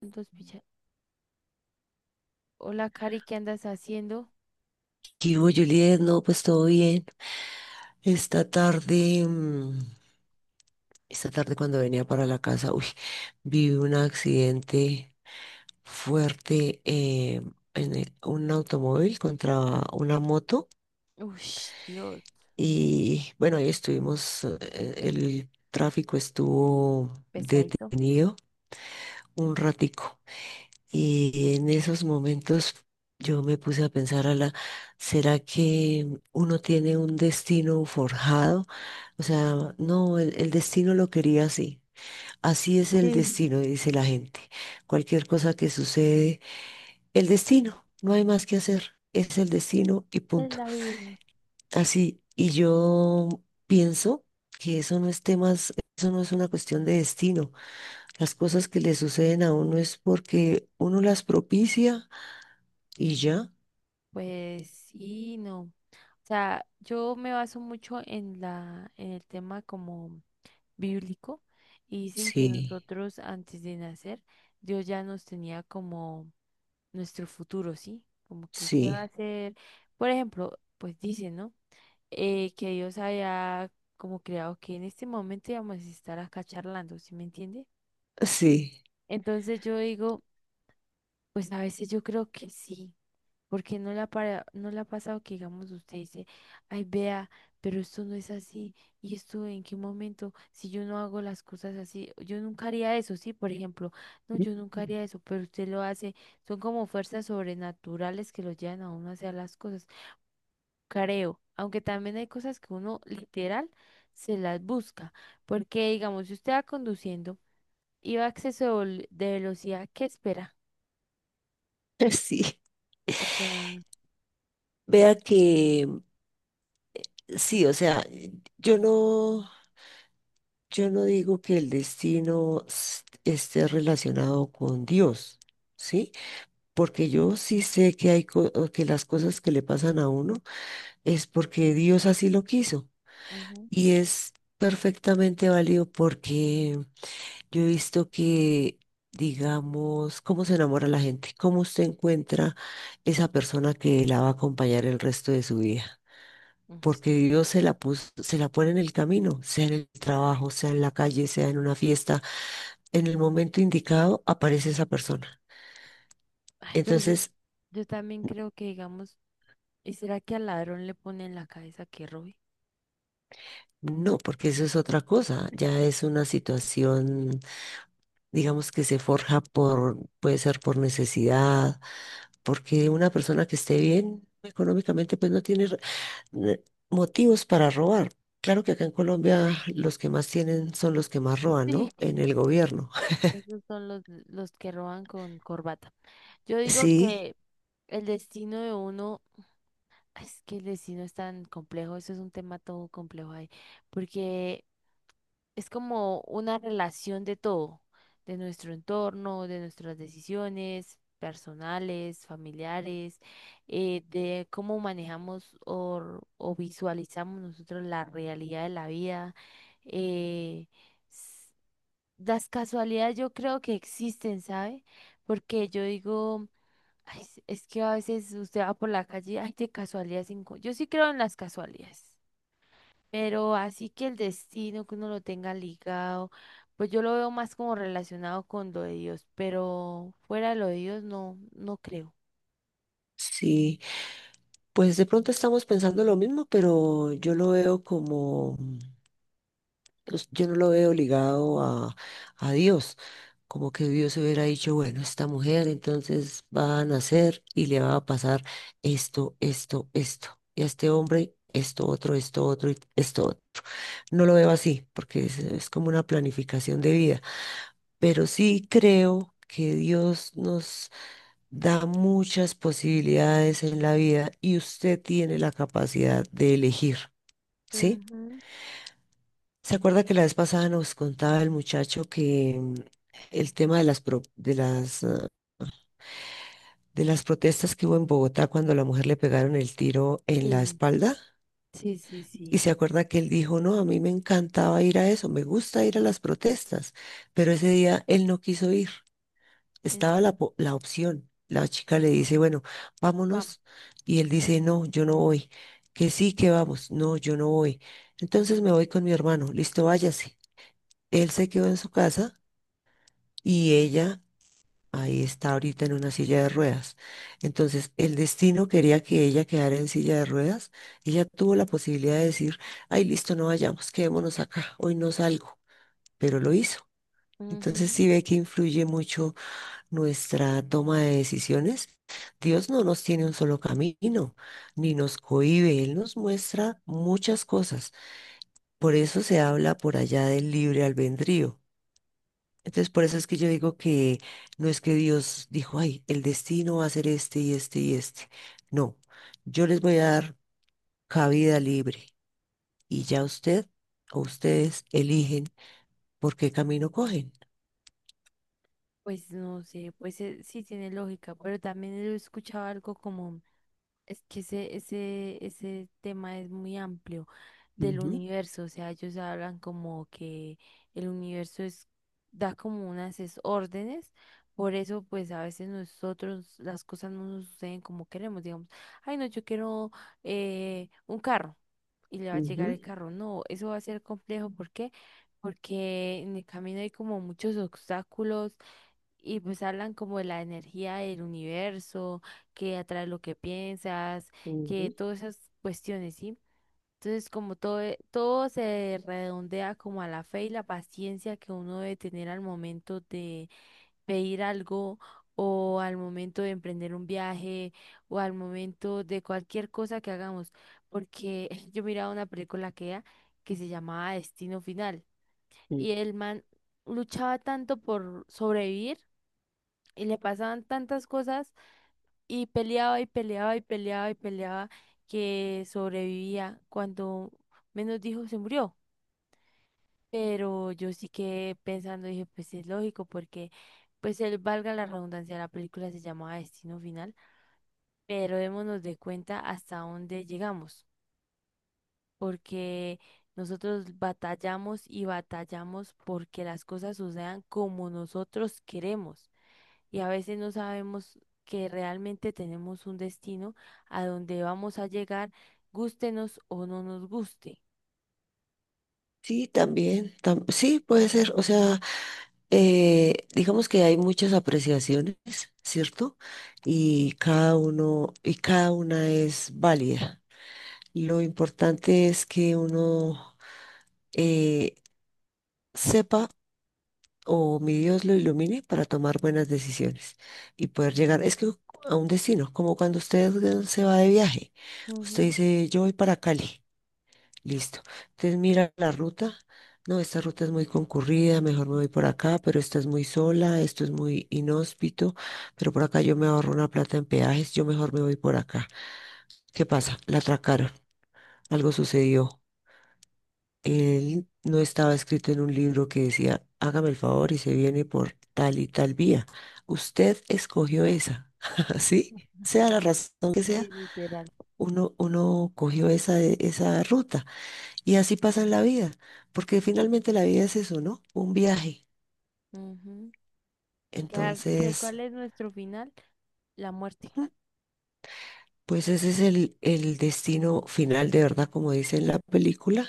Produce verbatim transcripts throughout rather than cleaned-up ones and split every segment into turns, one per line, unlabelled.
Dos picha- Hola, Cari, ¿qué andas haciendo?
¿Qué hubo, Juliet? No, pues todo bien. Esta tarde, mm, esta tarde cuando venía para la casa, uy, vi un accidente fuerte eh, en el- un automóvil contra una moto.
Ush, Dios,
Y bueno, ahí estuvimos, eh, el tráfico estuvo
pesadito.
detenido un ratico. Y en esos momentos yo me puse a pensar, la ¿será que uno tiene un destino forjado? O sea, no, el, el destino lo quería así. Así es el
Sí,
destino, dice la gente. Cualquier cosa que sucede, el destino, no hay más que hacer. Es el destino y
es
punto.
la vida.
Así, y yo pienso que eso no es temas, eso no es una cuestión de destino. Las cosas que le suceden a uno es porque uno las propicia. ¿Y ya?
Pues sí, no. O sea, yo me baso mucho en la, en el tema como bíblico y dicen que
Sí,
nosotros antes de nacer, Dios ya nos tenía como nuestro futuro, ¿sí? Como que usted va a
sí,
ser, por ejemplo, pues dicen, ¿no? Eh, que Dios haya como creado que en este momento íbamos a estar acá charlando, ¿sí me entiende?
sí,
Entonces yo digo, pues a veces yo creo que sí, porque no la para, no la ha pasado que digamos usted dice, ay, vea, pero esto no es así, y esto en qué momento, si yo no hago las cosas así, yo nunca haría eso, sí, por ejemplo, no, yo nunca haría eso, pero usted lo hace, son como fuerzas sobrenaturales que lo llevan a uno a hacer las cosas, creo, aunque también hay cosas que uno literal se las busca, porque digamos, si usted va conduciendo y va a exceso de vol- de velocidad, ¿qué espera?
sí.
O sea,
Vea que sí, o sea, yo no, yo no digo que el destino s- esté relacionado con Dios, ¿sí? Porque yo sí sé que hay co- o que las cosas que le pasan a uno es porque Dios así lo quiso
ujú,
y es perfectamente válido. Porque yo he visto que, digamos, cómo se enamora la gente, cómo usted encuentra esa persona que la va a acompañar el resto de su vida.
mm, s-
Porque Dios se la puso, se la pone en el camino, sea en el trabajo, sea en la calle, sea en una fiesta. En el momento indicado aparece esa persona.
ay, pero yo,
Entonces,
yo también creo que, digamos, ¿y será que al ladrón le pone en la cabeza que robe?
no, porque eso es otra cosa. Ya es una situación, digamos, que se forja por, puede ser por necesidad, porque una persona que esté bien económicamente, pues no tiene eh, motivos para robar. Claro que acá en Colombia los que más tienen son los que más roban, ¿no?
Sí.
En el gobierno.
Esos son los, los que roban con corbata. Yo digo
Sí,
que el destino de uno, es que el destino es tan complejo, eso es un tema todo complejo ahí, porque es como una relación de todo, de nuestro entorno, de nuestras decisiones personales, familiares, eh, de cómo manejamos o, o visualizamos nosotros la realidad de la vida. eh, s- las casualidades yo creo que existen, ¿sabe? Porque yo digo, "Ay, es que a veces usted va por la calle, ay, de casualidad se encuentra". Yo sí creo en las casualidades. Pero así que el destino que uno lo tenga ligado, pues yo lo veo más como relacionado con lo de Dios, pero fuera de lo de Dios no, no creo.
sí. Pues de pronto estamos pensando lo mismo, pero yo lo veo como... Pues, yo no lo veo ligado a, a Dios, como que Dios hubiera dicho, bueno, esta mujer entonces va a nacer y le va a pasar esto, esto, esto, y a este hombre esto, otro, esto, otro, y esto, otro. No lo veo así, porque es, es como una planificación de vida, pero sí creo que Dios nos da muchas posibilidades en la vida y usted tiene la capacidad de elegir, ¿sí?
Ujú.
¿Se acuerda que la vez pasada nos contaba el muchacho que mm, el tema de las, pro- de las, ah, de las protestas que hubo en Bogotá cuando a la mujer le pegaron el tiro en la
Sí,
espalda?
sí, sí,
Y
sí.
se acuerda que él dijo, no, a mí me encantaba ir a eso, me gusta ir a las protestas, pero ese día él no quiso ir,
Eh,
estaba la, po- la opción. La chica le dice, bueno,
vamos.
vámonos. Y él dice, no, yo no voy. Que sí, que vamos. No, yo no voy. Entonces me voy con mi hermano. Listo, váyase. Él se quedó en su casa y ella ahí está ahorita en una silla de ruedas. Entonces, el destino quería que ella quedara en silla de ruedas. Ella tuvo la posibilidad de decir, ay, listo, no vayamos, quedémonos acá, hoy no salgo, pero lo hizo. Entonces,
Ujú.
sí ve que influye mucho nuestra toma de decisiones. Dios no nos tiene un solo camino, ni nos cohíbe, Él nos muestra muchas cosas. Por eso se habla por allá del libre albedrío. Entonces, por eso es que yo digo que no es que Dios dijo, ay, el destino va a ser este y este y este. No, yo les voy a dar cabida libre y ya usted o ustedes eligen por qué camino cogen.
Pues no sé, pues eh, sí tiene lógica, pero también he escuchado algo como. Es que ese, ese, ese tema es muy amplio del
Ujú,
universo, o sea, ellos hablan como que el universo es, da como unas es- órdenes, por eso pues a veces nosotros las cosas no nos suceden como queremos, digamos, ay no, yo quiero eh, un carro y le va a llegar
ujú,
el carro, no, eso va a ser complejo, ¿por qué? Porque en el camino hay como muchos obstáculos y pues hablan como de la energía del universo, que atrae lo que piensas, que
ujú,
todas esas cuestiones, ¿sí? Entonces, como todo, e- todo se redondea como a la fe y la paciencia que uno debe tener al momento de pedir algo o al momento de emprender un viaje o al momento de cualquier cosa que hagamos. Porque yo miraba una película que era, que se llamaba Destino Final
ujú.
y el man luchaba tanto por sobrevivir y le pasaban tantas cosas y peleaba y peleaba y peleaba y peleaba que sobrevivía cuando menos dijo se murió. Pero yo sí que pensando dije, pues es lógico porque pues él, valga la redundancia, la película se llamaba Destino Final, pero démonos de cuenta hasta dónde llegamos, porque nosotros batallamos y batallamos porque las cosas sucedan como nosotros queremos. Y a veces no sabemos que realmente tenemos un destino a donde vamos a llegar, gústenos o no nos guste.
Sí, también, tam- sí, puede ser. O sea, eh, digamos que hay muchas apreciaciones, ¿cierto? Y cada uno, y cada una es válida. Lo importante es que uno eh, sepa o mi Dios lo ilumine para tomar buenas decisiones y poder llegar, es que a un destino, como cuando usted eh, se va de viaje, usted
Ujú.
dice, yo voy para Cali, listo, entonces mira la ruta. No, esta ruta es muy concurrida, mejor me voy por acá, pero esta es muy sola, esto es muy inhóspito, pero por acá yo me ahorro una plata en peajes, yo mejor me voy por acá. ¿Qué pasa? La atracaron, algo sucedió. Él no estaba escrito en un libro que decía, hágame el favor y se viene por tal y tal vía. Usted escogió esa, ¿sí? Sea la razón que
Sí,
sea,
literal.
uno, uno cogió esa, de- esa ruta. Y así pasa en la vida, porque finalmente la vida es eso, ¿no? Un viaje.
Ujú. Qué al- que
Entonces,
¿Cuál es nuestro final? La muerte.
ujú, pues ese es el, el destino final, de verdad, como dice en la película.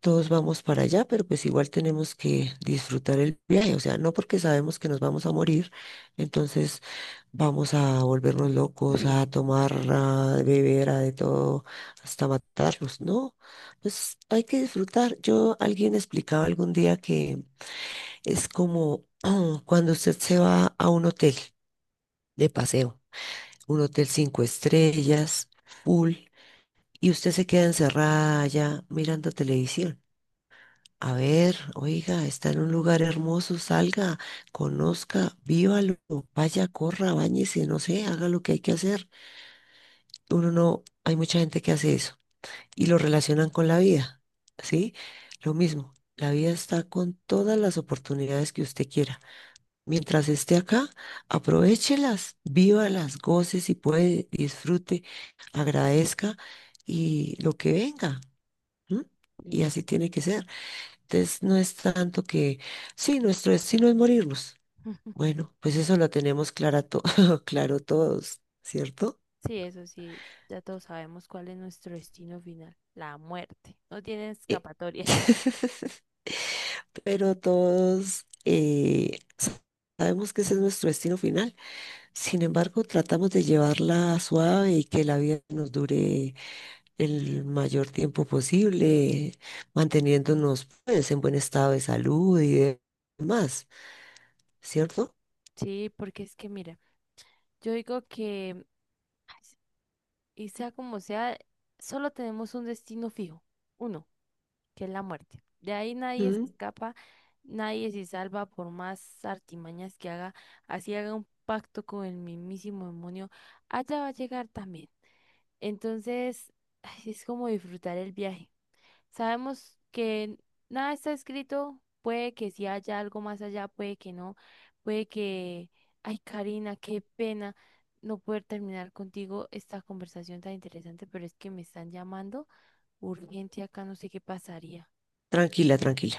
Todos vamos para allá, pero pues igual tenemos que disfrutar el viaje, o sea, no porque sabemos que nos vamos a morir, entonces vamos a volvernos locos, a tomar, a beber, a de todo, hasta matarlos, ¿no? Pues hay que disfrutar. Yo, alguien explicaba algún día que es como cuando usted se va a un hotel de paseo, un hotel cinco estrellas, full, y usted se queda encerrada allá mirando televisión. A ver, oiga, está en un lugar hermoso, salga, conozca, vívalo, vaya, corra, báñese, no sé, haga lo que hay que hacer. Uno no, hay mucha gente que hace eso y lo relacionan con la vida, ¿sí? Lo mismo, la vida está con todas las oportunidades que usted quiera. Mientras esté acá, aprovéchelas, vívalas, goce si puede, disfrute, agradezca y lo que venga, ¿m? Y
Y
así tiene que ser. Entonces, no es tanto que, sí, nuestro destino es morirnos.
mm,
Bueno, pues eso lo tenemos clara to- claro todos, ¿cierto?
sí, eso sí, ya todos sabemos cuál es nuestro destino final, la muerte. No tiene
Eh,
escapatoria.
Pero todos eh, sabemos que ese es nuestro destino final. Sin embargo, tratamos de llevarla suave y que la vida nos dure el mayor tiempo posible, manteniéndonos pues, en buen estado de salud y demás, ¿cierto?
Sí, porque es que mira, yo digo que, ay, y sea como sea, solo tenemos un destino fijo, uno. Que es la muerte. De ahí nadie se
Mm.
escapa, nadie se salva por más artimañas que haga, así haga un pacto con el mismísimo demonio, allá va a llegar también. Entonces, ay, es como disfrutar el viaje. Sabemos que nada está escrito, puede que sí haya algo más allá, puede que no, puede que, ay, Karina, qué pena. No poder terminar contigo esta conversación tan interesante, pero es que me están llamando urgente acá, no sé qué pasaría.
Tranquila, tranquila.